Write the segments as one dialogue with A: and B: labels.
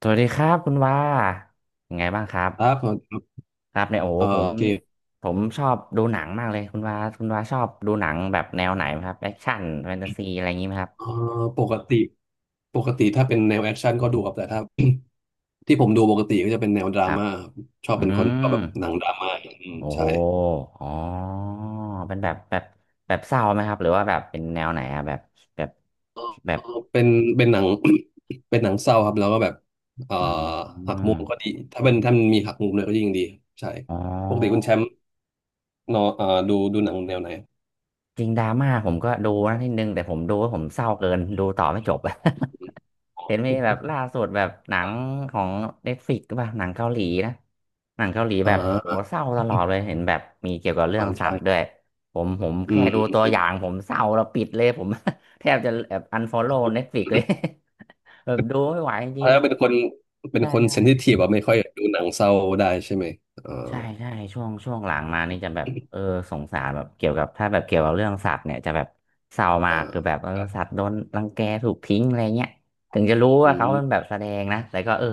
A: สวัสดีครับคุณว่ายังไงบ้างครับ
B: ครับ
A: ครับเนี่ยโอ้โหผม
B: โอเค
A: ผมชอบดูหนังมากเลยคุณว่าชอบดูหนังแบบแนวไหนไหมครับแอคชั่นแฟนตาซีอะไรอย่างนี้ไหมครับ
B: เอ่อปกติถ้าเป็นแนวแอคชั่นก็ดูครับแต่ถ้า ที่ผมดูปกติก็จะเป็นแนวดรา
A: ครับ
B: ม่าครับชอบ
A: อื
B: เป็นคนชอบ
A: ม
B: แบบหนังดราม่าอืม
A: โอ้โห
B: ใช่
A: อ๋อเป็นแบบแบบเศร้าไหมครับหรือว่าแบบเป็นแนวไหนอะแบบแบ
B: เอ่
A: บ
B: อเป็นหนัง เป็นหนังเศร้าครับแล้วก็แบบเอ่อ
A: อื
B: หักมุมก็
A: ม
B: ดีถ้าเป็นมันมีหักมุมเลยก็ยิ่งดีครับใช่
A: อ๋
B: ปกติคุ
A: อ
B: ณแชมป์เนอะดูหนังแนวไหน
A: จริงดราม่าผมก็ดูนะนิดนึงแต่ผมดูว่าผมเศร้าเกินดูต่อไม่จบ เห็นมีแบบล่าสุดแบบหนังของเน็ตฟลิกป่ะหนังเกาหลีนะหนังเกาหลี
B: อ่
A: แบบโห
B: า
A: เศร้าตลอดเลยเห็นแบบมีเกี่ยวกับเรื่อง สั
B: ใช่
A: ตว์ด้วยผมแค่ดูตัวอย่างผ
B: อ
A: มเศร้าแล้วปิดเลยผม แทบจะแบบอันฟอลโล่เน็ตฟลิก
B: ื
A: เลย
B: ม
A: แบบดูไม่ไหวจริง
B: ถ้าเป็นคนเป็
A: ๆ
B: น
A: ใช่
B: คนเซนซิ
A: ใช่
B: ทีฟอะไม่ค่อยดูหนังเศร้าได้ใช่ไหมเออ
A: ใช่ใช่ช่วงหลังมานี่จะแบบเออสงสารแบบเกี่ยวกับถ้าแบบเกี่ยวกับเรื่องสัตว์เนี่ยจะแบบเศร้ามา
B: เอ
A: ก
B: อ
A: คือแบบเออ
B: ครับ
A: สัตว์โดนรังแกถูกทิ้งอะไรเงี้ยถึงจะรู้ว่า
B: อื
A: เขาเป็
B: ม
A: นแบบแสดงนะแต่ก็เออ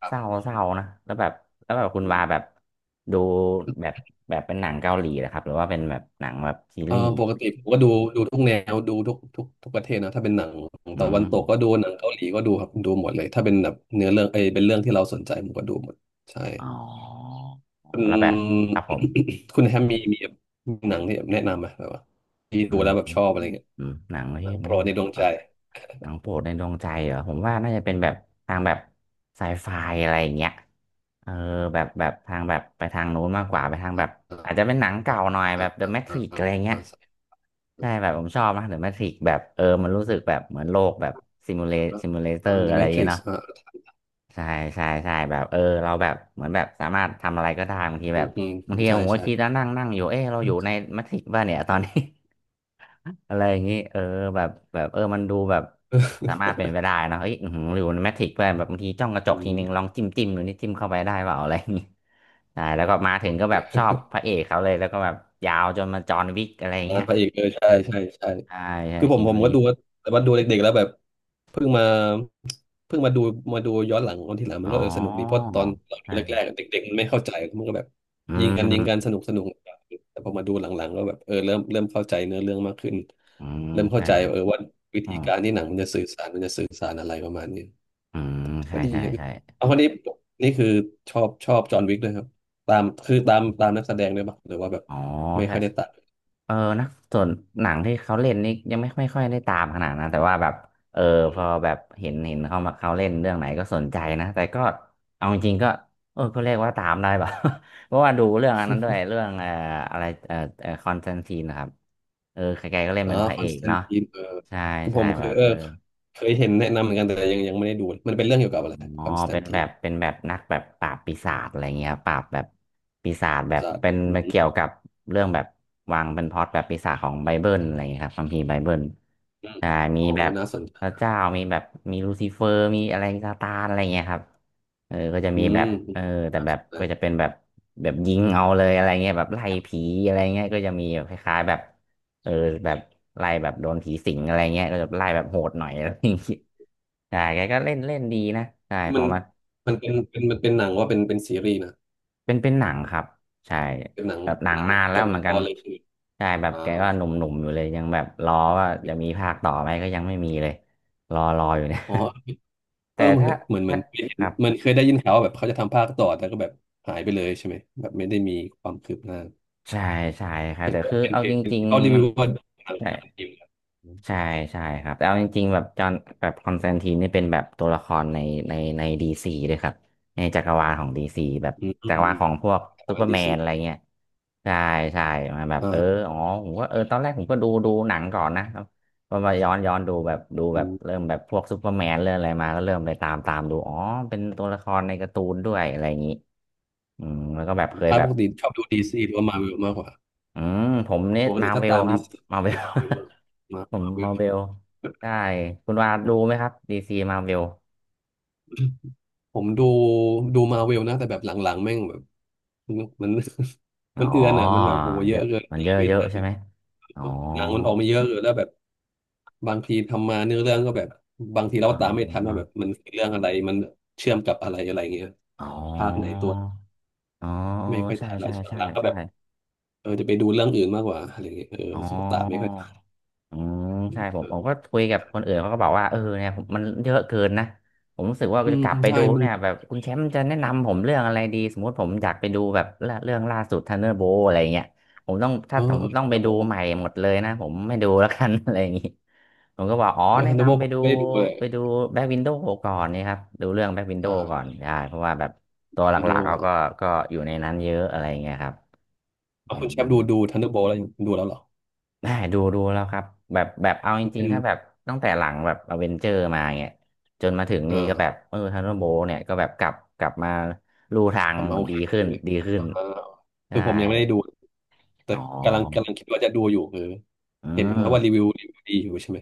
B: ครั
A: เศร้า
B: บ
A: เศร้านะแล้วแบบแล้วแบบคุณ
B: อื
A: วาแบ
B: ม
A: บดูแบบแบบเป็นหนังเกาหลีนะครับหรือว่าเป็นแบบหนังแบบซี
B: เออ
A: รีส์
B: ปกติผมก็ดูทุกแนวดูทุกทุกประเทศนะถ้าเป็นหนัง
A: อื
B: ตะวัน
A: ม
B: ตกก็ดูหนังเกาหลีก็ดูครับดูหมดเลยถ้าเป็นแบบเนื้อเรื่องเอยเป็นเรื่องที่เราสนใจผมก็ดูหมดใช่
A: อ๋อ
B: คุณ
A: แล้วแบบครับผม
B: คุณแฮมมีมีหนังที่แบบแนะนำไหมแบบว่าที่
A: อื
B: ดู
A: ม
B: แล้วแบบชอบอะไรเงี้ย
A: อืมหนังประ
B: ห
A: เภ
B: นั
A: ท
B: งโปร
A: แน่
B: ด
A: น
B: ใน
A: อ
B: ดวง
A: น
B: ใจ
A: หนังโปรดในดวงใจเหรอผมว่าน่าจะเป็นแบบทางแบบไซไฟอะไรอย่างเงี้ยเออแบบแบบทางแบบไปทางนู้นมากกว่าไปทางแบบ
B: อ่า
A: อาจจะเป็นหนังเก่าหน่อยแบ
B: อ่า
A: บ The
B: อ่าอ่า
A: Matrix อะไรเงี้ย
B: อ่า
A: ใช่แบบผมชอบนะ The Matrix แบบเออมันรู้สึกแบบเหมือนโลกแบบซิมูเลซิมูเลเตอ
B: อ่า
A: ร์
B: The
A: อะไรอย่างเงี้ย
B: Matrix
A: เนาะ
B: อ่า
A: ใช่ใช่ใช่แบบเออเราแบบเหมือนแบบสามารถทำอะไรก็ได้บางทีแบบ
B: อืม
A: บางที
B: ใช่
A: ผมก็
B: ใช่
A: คิดแล้วนั่งนั่งอยู่เออเราอยู่ในแมทริกซ์ป่ะเนี่ยตอนนี้ อะไรอย่างนี้เออแบบแบบเออมันดูแบบสามารถ เป็นไปได้นะเฮ้ยอื้อหือหรือแมทริกซ์ด้วยแบบบางทีจ้องกระจ
B: อื
A: กทีนึงลอ
B: ม
A: งจิ้มดูนี่จิ้มเข้าไปได้เปล่าอะไรอย่างนี้ใช่แล้วก็มา
B: โอ
A: ถึงก็แบบชอ
B: เค
A: บพระเอกเขาเลยแล้วก็แบบยาวจนมาจอห์นวิกอะไรอย่าง
B: งา
A: เงี้
B: น
A: ย
B: พระเอกเลยใช่ใช่
A: ใช่ใช่
B: คือ
A: คิ
B: ผ
A: นู
B: ม
A: รี
B: ก็
A: ฟ
B: ดูแต่ว่าดูเด็กๆแล้วแบบเพิ่งมาดูมาดูย้อนหลังตอนที่หลังมั
A: อ๋
B: นก็เออสนุกดีเพ
A: อ
B: ราะตอนเราดู
A: ใช่
B: แร
A: ใช่
B: กๆเด็กๆมันไม่เข้าใจมันก็แบบ
A: อื
B: ยิงกัน
A: ม
B: สนุกแต่พอมาดูหลังๆก็แบบเออเริ่มเข้าใจเนื้อเรื่องมากขึ้น
A: อืม
B: เริ่มเข้า
A: ใช่
B: ใจ
A: ใช่
B: เออว่าวิ
A: อื
B: ธี
A: ม
B: การที่หนังมันจะสื่อสารมันจะสื่อสารอะไรประมาณนี้
A: อืม
B: ก็
A: ใช่
B: ดี
A: ใช่
B: ครับ
A: ใช่
B: เอาคนนี้นี่คือชอบจอห์นวิกด้วยครับตามคือตามนักแสดงด้วยปะหรือว่าแบบ
A: อ๋อ
B: ไม่
A: ใช่
B: ค่อยได้ตาม
A: เออนะส่วนหนังที่เขาเล่นนี่ยังไม่ค่อยได้ตามขนาดนะแต่ว่าแบบเออพอแบบเห็นเขามาเขาเล่นเรื่องไหนก็สนใจนะแต่ก็เอาจริงๆก็เออก็เรียกว่าตามได้ป่ะ เพราะว่าดูเรื่องอันนั้นด้วยเรื่องอะไรเอ่อเคอนสแตนทีนนะครับเออใครๆก็เล่น
B: อ๋อ
A: เป็นพระ
B: คอ
A: เอ
B: นส
A: ก
B: แตน
A: เนาะ
B: ตินเออ
A: ใช่
B: คือผ
A: ใช่
B: ม
A: แบ
B: คือ
A: บ
B: เออ
A: เออ
B: เคยเห็นแนะนำเหมือนกันแต่ยังไม่ได้ดูมันเป็นเรื่องเกี่ยวกับอะไร
A: อ๋อ
B: คอนสแต
A: เป็
B: น
A: น
B: ติ
A: แบบ
B: น
A: เป็นแบบนักแบบปราบปีศาจอะไรเงี้ยปราบแบบปีศาจแบบ
B: ซาร์
A: เป็น
B: อืม
A: เกี่ยวกับเรื่องแบบวางเป็นพล็อตแบบปีศาจของไบเบิลอะไรเงี้ยครับคัมภีร์ไบเบิล
B: อม
A: ใช่มี
B: อ๋อ
A: แบบ
B: น่าสนใจ
A: พระเจ้ามีแบบมีลูซิเฟอร์มีอะไรซาตานอะไรเงี้ยครับเออก็จะ
B: อื
A: มีแบ
B: ม
A: บเออแต่
B: น่า
A: แบ
B: ส
A: บ
B: นใจ
A: ก็จะเป็นแบบแบบยิงเอาเลยอะไรเงี้ยแบบไล่ผีอะไรเงี้ยก็จะมีแบบคล้ายๆแบบเออแบบไล่แบบโดนผีสิงอะไรเงี้ยก็จะไล่แบบโหดหน่อยอะไรอย่างงี้ ใช่แกก็เล่นเล่นดีนะใช่พ
B: มั
A: อ
B: น
A: มา
B: เป็นมันเป็นหนังว่าเป็นซีรีส์นะ
A: เป็นหนังครับใช่
B: เป็นหนัง
A: แบบหนังนาน
B: จ
A: แล้ว
B: บ
A: เห
B: ใน
A: มือน
B: ต
A: กัน
B: อนเลยคือ
A: ใช่แบบ
B: อ่า
A: แก
B: โอ
A: ก็
B: เค
A: หนุ่มๆอยู่เลย ยังแบบรอว่าจะมีภาคต่อไหมก็ยังไม่มีเลย รออยู่เนี่ย
B: อ๋อ เอ
A: แต่
B: อเหมื
A: ถ้า
B: อน
A: ถ้าครับ
B: เหมันเคยได้ยินข่าวว่าแบบเขาจะทำภาคต่อแต่ก็แบบหายไปเลยใช่ไหมแบบไม่ได้มีความคืบหน้า
A: ใช่ใช่ครับ
B: เห็น
A: แต่
B: ว่า
A: คือ
B: เป็น
A: เอา
B: เห็
A: จ
B: น
A: ริง
B: เขารี
A: ๆมั
B: วิ
A: น
B: วว่าหนัง
A: ใช่
B: การทีมอืม
A: ใช่ใช่ครับแต่เอาจริงๆแบบจอห์นแบบคอนสแตนทีนนี่เป็นแบบตัวละครในในดีซีด้วยครับในจักรวาลของดีซีแบบ
B: อื
A: จักรวาลของ
B: ม
A: พวก
B: ข
A: ซู
B: อง
A: เปอร์
B: ดี
A: แมน
B: ซี
A: อะไรเงี้ยใช่ใช่มาแบบเออ
B: อ่า
A: อ๋อผมก็เออตอนแรกผมก็ดูหนังก่อนนะพอมาย้อนดูแบบดู
B: อื
A: แบบ
B: ม
A: เริ่มแบบพวกซูเปอร์แมนเรื่องอะไรมาก็เริ่มไปตามดูอ๋อเป็นตัวละครในการ์ตูนด้วยอะไรอย่างนี้อืมแล้วก็แบบเคย
B: ถ้า
A: แบ
B: ป
A: บ
B: กติชอบดูดีซีหรือว่ามาเวลมากกว่า
A: อืมผมเนี่ย
B: ปก
A: มา
B: ติถ้า
A: เวล
B: ตาม
A: ครั
B: ดี
A: บ
B: ซี
A: มาเว
B: คื
A: ล
B: อมาเวล
A: ผม
B: มาเว
A: มา
B: ล
A: เบลได้คุณวาดดูไหมครับดีซีมาเบล
B: ผมดูมาเวลนะแต่แบบหลังๆแม่งแบบมัน
A: อ๋
B: มั
A: อ
B: นเอือนอ่ะมันแบบโอ้เย
A: เย
B: อะ
A: อะ
B: เกิน
A: มันเยอะ
B: ไม่
A: เยอะ
B: ทัน
A: ใช่ไหมอ๋อ
B: แบบหนังมันออกมาเยอะเกินแล้วแบบบางทีทำมาเนื้อเรื่องก็แบบบางทีเรา
A: อ๋
B: ก็ตามไม่ทันว่า
A: อ
B: แบบมันเรื่องอะไรมันเชื่อมกับอะไรอะไรเงี้ย
A: อ๋อ
B: ภาคไหนตัว
A: อ๋อเออ
B: ไม่ค่อย
A: ใช่
B: ทันแล้ว
A: ใช่ใช่
B: หลังๆก็
A: ใช่
B: แบบเออจะไปดูเรื่องอื่นมากกว่าอะไรเงี้ยเออ
A: อ๋
B: รู้สุขตามไม่ค่
A: อ
B: อยทัน
A: อืมใช่ผมก็คุยกับคนอื่นเขาก็บอกว่าเนี่ยผมมันเยอะเกินนะผมรู้สึกว่า
B: อื
A: จะ
B: ม
A: กลับไป
B: ใช่
A: ดู
B: มัน
A: เนี่ย
B: แบบ
A: แบบคุณแชมป์จะแนะนำผมเรื่องอะไรดีสมมติผมอยากไปดูแบบเรื่องล่าสุดทันเดอร์โบอะไรเงี้ยผมต้องถ้า
B: เออ
A: ผมต้องไป
B: ระบ
A: ดู
B: บ
A: ใหม่หมดเลยนะผมไม่ดูแล้วกัน อะไรอย่างงี้ผมก็บอกอ๋อ
B: เออ
A: แนะ
B: ทันเดอร์โบ
A: นำไป
B: ผม
A: ดู
B: ไม่ได้ดูเลย
A: ไปดูแบ็กวินโดว์ก่อนนี่ครับดูเรื่องแบ็กวินโดว์ก่อ
B: อ่า
A: นได้เพราะว่าแบบตัวห
B: ไปดู
A: ลักๆเขาก็อยู่ในนั้นเยอะอะไรเงี้ยครับอื
B: เอาคุณ
A: ม
B: แชมป์ดูทันเดอร์โบแล้วยงดูแล้วเหรอ
A: ได้ดูแล้วครับแบบแบบเอาจ
B: มัน
A: ริ
B: เป็
A: ง
B: น
A: ๆถ้าแบบตั้งแต่หลังแบบอเวนเจอร์มาเนี่ยจนมาถึงนี่ก็แบบ
B: อ่า
A: ทันเดอร์โบเนี่ยก็แบบกลับมาลู่ทาง
B: กลับมาโอ
A: ดี
B: เค
A: ขึ้น
B: เลย
A: ดีขึ้น
B: อ่าคื
A: ใช่
B: อผมยังไม่ได้ดูแต่
A: อ๋อ
B: กำลังคิดว่าจะดูอยู่คือ
A: อื
B: เห็นเขาว่ารีวิ
A: ม
B: วดีอยู่ใช่ไหม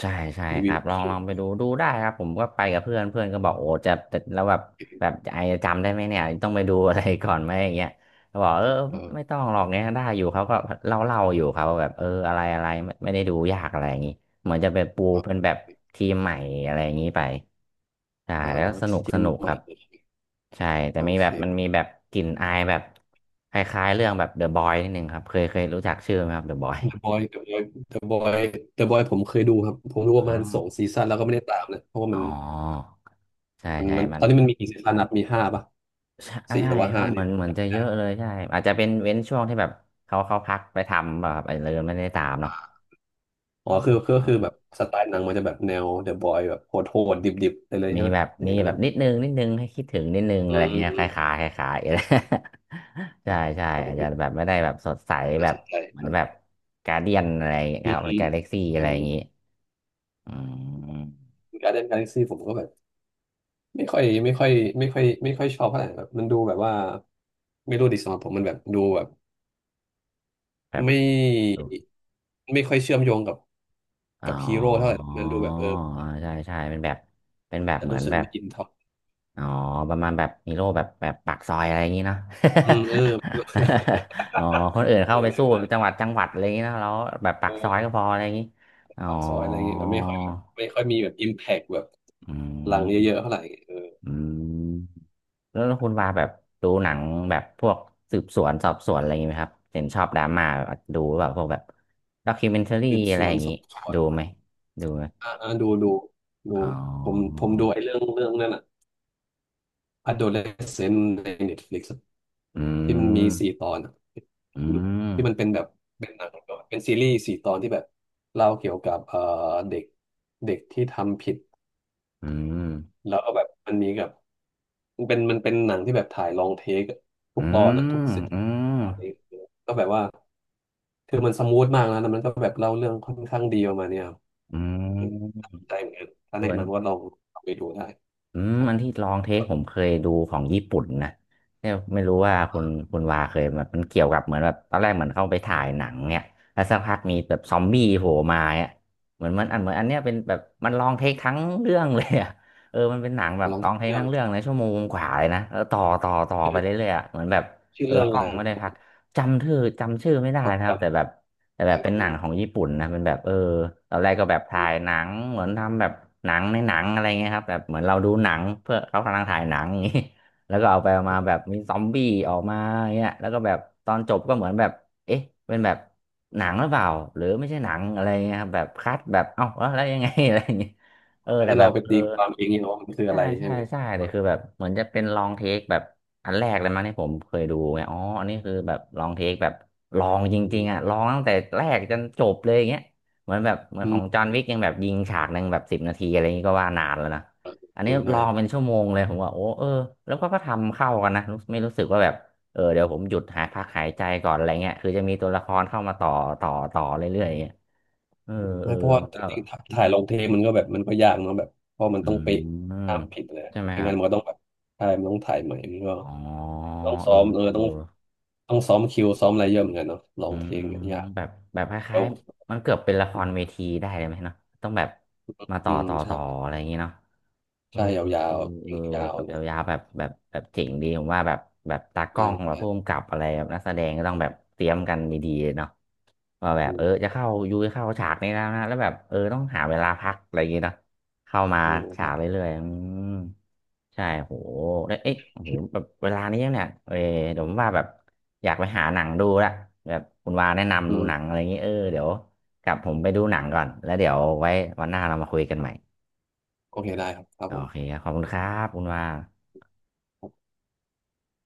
A: ใช่ใช่
B: รี
A: ค
B: วิ
A: รั
B: ว
A: บล
B: โอ
A: อง
B: เค
A: ลองไปดูได้ครับผมก็ไปกับเพื่อนเพื่อนก็บอกโอ้จะจะแล้วแบบแบบไอ้จำได้ไหมเนี่ยต้องไปดูอะไรก่อนไหมอย่างเงี้ยเขาบอกเออไม่
B: เออ
A: ต้องหรอกเนี่ยได้อยู่เขาก็เล่าอยู่เขาแบบอะไรอะไรไม่ได้ดูยากอะไรอย่างงี้เหมือนจะเป็นปู
B: เออ
A: เป็นแบบทีมใหม่อะไรอย่างงี้ไปใช่
B: เอา
A: แล้วส
B: ท
A: นุก
B: ี
A: ส
B: ม
A: นุก
B: ให
A: ค
B: ม่
A: รับใช่แต่
B: โอ
A: มีแบ
B: เค
A: บมันมีแบบกลิ่นอายแบบคล้ายๆเรื่องแบบเดอะบอยนิดนึงครับเคยรู้จักชื่อไหมครับเดอะบอย
B: The Boy The Boy The Boy ผมเคยดูครับผมดูป
A: อ๋อ
B: ระมาณสองซีซั่นแล้วก็ไม่ได้ตามเลยเพราะว่า
A: อ๋อ
B: มัน
A: ใช่ใช่
B: มัน
A: มั
B: ตอ
A: น
B: นนี้มันมีกี่ซีซั่นนับมีห้าป่ะ
A: ใช่
B: สี่ห
A: ใช่
B: รือว่า
A: ครั
B: ห้า
A: บเห
B: นี่
A: มือ
B: แห
A: น
B: ละ
A: เหมือนจะเยอะเลยใช่อาจจะเป็นเว้นช่วงที่แบบเขาพักไปทำแบบอะไรเลยไม่ได้ตามเนาะ
B: อ๋อ
A: อืม
B: คือ
A: อา
B: แบบสไตล์หนังมันจะแบบแนวเดอะบอยแบบโหดดิบดิบๆไปเลย
A: มี
B: ใช่ไหม
A: แบบ
B: อ
A: มี
B: ย่างนั้น
A: แบบ
B: นะ
A: นิดนึงให้คิดถึงนิดนึง
B: อื
A: อะไร
B: ม
A: เงี้ย
B: อื
A: ค
B: ม
A: ล้ายๆคล้ายๆอะไร ใช่ใช่
B: โอ
A: อาจ
B: เค
A: จะแบบไม่ได้แบบสดใสแบ
B: น่า
A: บ
B: สนใจ
A: เหมือน
B: นะ
A: แบบการเดียนอะไร
B: อื
A: ครั
B: ม
A: บห
B: อื
A: รือ
B: ม
A: การเล็กซี่
B: เอ
A: อะ
B: อ
A: ไรอย่างงี้อืม
B: การ์เดนกาแล็กซี่ผมก็แบบไม่ค่อยไม่ค่อยไม่ค่อยชอบเท่าไหร่แบบมันดูแบบว่าไม่รู้ดิสำหรับผมมันแบบดูแบบ
A: แบบ
B: ไม่ค่อยเชื่อมโยงกับ
A: อ๋
B: ฮีโร่เท่าไหร่
A: อ
B: มันดูแบบเออ
A: อ่าใช่ใช่เป็นแบบเป็นแบบ
B: จะ
A: เหมือ
B: รู้
A: น
B: สึก
A: แบบ
B: มีอินท็อป
A: อ๋อประมาณแบบฮีโร่แบบปากซอยอะไรอย่างนี้เนาะ
B: อืมเออ
A: อ๋อ คนอื่น
B: เอ
A: เข้า
B: อ
A: ไป
B: อะไร
A: สู้
B: ประมาณ
A: จังหวั
B: น
A: ดจังหวัดอะไรอย่างนี้เนาะแล้วแบบปาก
B: ั้
A: ซอยก็
B: น
A: พออะไรอย่างนี้อ๋อ
B: ปากซอยอะไรเงี้ยแบบไม่ค่อยมีแบบอิมแพกแบบ
A: อื
B: หลัง
A: ม
B: เยอะๆเท่าไหร่เออ
A: อืมแล้วคุณว่าแบบดูหนังแบบพวกสืบสวนสอบสวนอะไรอย่างนี้ไหมครับเห็นชอบดราม่าดูแบบพวกแบบด็อกิเมนทารี่
B: สืบ
A: อะ
B: ส
A: ไร
B: ว
A: อ
B: น
A: ย่าง
B: ส
A: นี้
B: อบสว
A: ดูไห
B: น
A: มดูไหม
B: อ่าอ่าดูดู
A: อ๋
B: ผม
A: อ
B: ดูไอ้เรื่องนั่นอ่ะ Adolescent ใน Netflix อะ
A: อื
B: ที่มันมี
A: ม
B: สี่ตอนอะ
A: อื
B: ดู
A: ม
B: ที่มันเป็นแบบเป็นหนังเป็นซีรีส์สี่ตอนที่แบบเล่าเกี่ยวกับเด็กเด็กที่ทำผิด
A: อืม
B: แล้วก็แบบมันมีกับมันเป็นหนังที่แบบถ่ายลองเทคทุ
A: อื
B: กตอนอะทุก
A: ม
B: สิบ
A: อืม
B: ตอนนี้แล้วแบบว่า คือมันสมูทมากนะแล้วมันก็แบบเล่าเรื่องค่อนข้างดีประมาณเนี้ยครับ
A: อืม
B: อืมได้เหมือนกันถ้า
A: เออ
B: แนะนำว่าลองลอาไปดูได้
A: อืม
B: ใช่
A: อันที่ลองเทคผมเคยดูของญี่ปุ่นนะเนี่ยไม่รู้ว่าคุณวาเคยมันเกี่ยวกับเหมือนแบบตอนแรกเหมือนเข้าไปถ่ายหนังเนี่ยแล้วสักพักมีแบบซอมบี้โผล่มาเนี่ยเหมือนมันอันเหมือนอันเนี้ยเป็นแบบมันลองเทคทั้งเรื่องเลยอ่ะ เออมันเป็นหนัง
B: ผ
A: แบ
B: ม
A: บ
B: ลอง
A: ลอ
B: ที่
A: งเทค
B: เรื่อง
A: ทั้งเรื่องเลยชั่วโมงกว่าเลยนะแล้วต่อ
B: ชื่
A: ไป
B: อ
A: เรื่อยๆอะเหมือนแบบเออ
B: เรื่อง
A: ก
B: อะ
A: ล้อ
B: ไร
A: งไม่ได้พักจำชื่อไม่ได้
B: กด
A: นะครับ
B: จำ
A: แต่แบบ แต่แบ
B: กั
A: บ
B: น
A: เป็นหนังของญี่ปุ่นนะเป็นแบบตอนแรกก็แบบถ่ายหนังเหมือนทำแบบหนังในหนังอะไรเงี้ยครับแบบเหมือนเราดูหนังเพื่อเขากำลังถ่ายหนังอย่างงี้ แล้วก็เอาไปเอามาแบบมีซอมบี้ออกมาเงี้ยแล้วก็แบบตอนจบก็เหมือนแบบเอ๊ะเป็นแบบหนังหรือเปล่าหรือไม่ใช่หนังอะไรเงี้ยครับแบบคัดแบบเอ้าแล้วแล้วยังไง อะไรอย่างเงี้ยเออ
B: ให้
A: แต่แบ
B: เรา
A: บ
B: ไป
A: เออ
B: ตีความเองเนี่ยว่ามันคือ
A: ใช่
B: อะไร
A: ใช่
B: ใช่ไหม
A: ใช่เลยคือแบบเหมือนจะเป็นลองเทคแบบอันแรกเลยมั้งที่ผมเคยดูไงอ๋ออันนี้คือแบบลองเทคแบบลองจ
B: อื
A: ริง
B: ม
A: ๆอ่ะลองตั้งแต่แรกจนจบเลยอย่างเงี้ยเหมือนแบบเหมือน
B: อื
A: ขอ
B: ม
A: งจอห์นวิกยังแบบยิงฉากหนึ่งแบบ10 นาทีอะไรอย่างงี้ก็ว่านานแล้วนะ
B: เออ
A: อัน
B: เอ
A: นี้
B: อ
A: ล
B: ใช่
A: องเป็นชั่วโมงเลยผมว่าโอ้เออแล้วก็ก็ทำเข้ากันนะรู้ไม่รู้สึกว่าแบบเออเดี๋ยวผมหยุดหายพักหายใจก่อนอะไรเงี้ยคือจะมีตัวละครเข้ามาต่อเรื่อยๆอย่างเงี้ยเออเอ
B: ไม่
A: อ
B: เพราะว่า
A: มัน
B: จ
A: ก็
B: ริงๆถถ่ายลงเทปมันก็แบบมันก็ยากเนาะแบบเพราะมัน
A: อื
B: ต้องเป๊ะ
A: ม
B: ห้ามผิดเลย
A: ใช่ไหม
B: ไม่
A: ครั
B: งั้
A: บ
B: นมันก็ต้องแบบถ่ายมันต้องถ่ายใหม่มันก็
A: อ๋อ
B: ต้อง
A: เอ
B: ซ้
A: อ
B: อมเออ
A: เอ
B: ต้
A: อ
B: องซ้อมคิวซ้อมอะไรเยอะเหมือนกันเนาะลอ
A: อื
B: งเพ
A: ม
B: ลงเนี่ยยาก
A: แบบค
B: แล้
A: ล้า
B: ว
A: ยๆมันเกือบเป็นละครเวทีได้เลยไหมเนาะต้องแบบ มาต่
B: อื
A: อ
B: ม
A: ต่อ
B: ใช่
A: ต่ออะไรอย่างงี้เนาะเออ
B: ใช่ยา
A: เออ
B: ว
A: เออ
B: ๆยาว
A: แบบ
B: ๆเลย
A: ยาวๆแบบเจ๋งดีผมว่าแบบแบบตากล้อ
B: ได้
A: งแบบ
B: ครั
A: ผู้
B: บ
A: กำกับอะไรแบบนักแสดงก็ต้องแบบเตรียมกันดีๆเนาะว่าแบ
B: อื
A: บเอ
B: ม
A: อจะเข้ายูจะเข้าฉากนี้แล้วนะแล้วแบบเออต้องหาเวลาพักอะไรอย่างงี้เนาะ เข้ามา
B: อืม
A: ฉา
B: ได้
A: กเรื่อยๆอืมใช่โหแล้วเอ๊ะโอ้โหแบบเวลานี้เนี่ยเออเดี๋ยวผมว่าแบบอยากไปหาหนังดูละแบบคุณวาแนะนำ
B: อื
A: ดูหนัง
B: ม
A: อะไรอย่างงี้เออเดี๋ยวกลับผมไปดูหนังก่อน แล้วเดี๋ยวไว้วันหน้าเรามาคุยกันใหม่
B: โอเคได้ครับครับ
A: โอ
B: ผ
A: เค
B: ม
A: ครับขอบคุณครับ คุณวา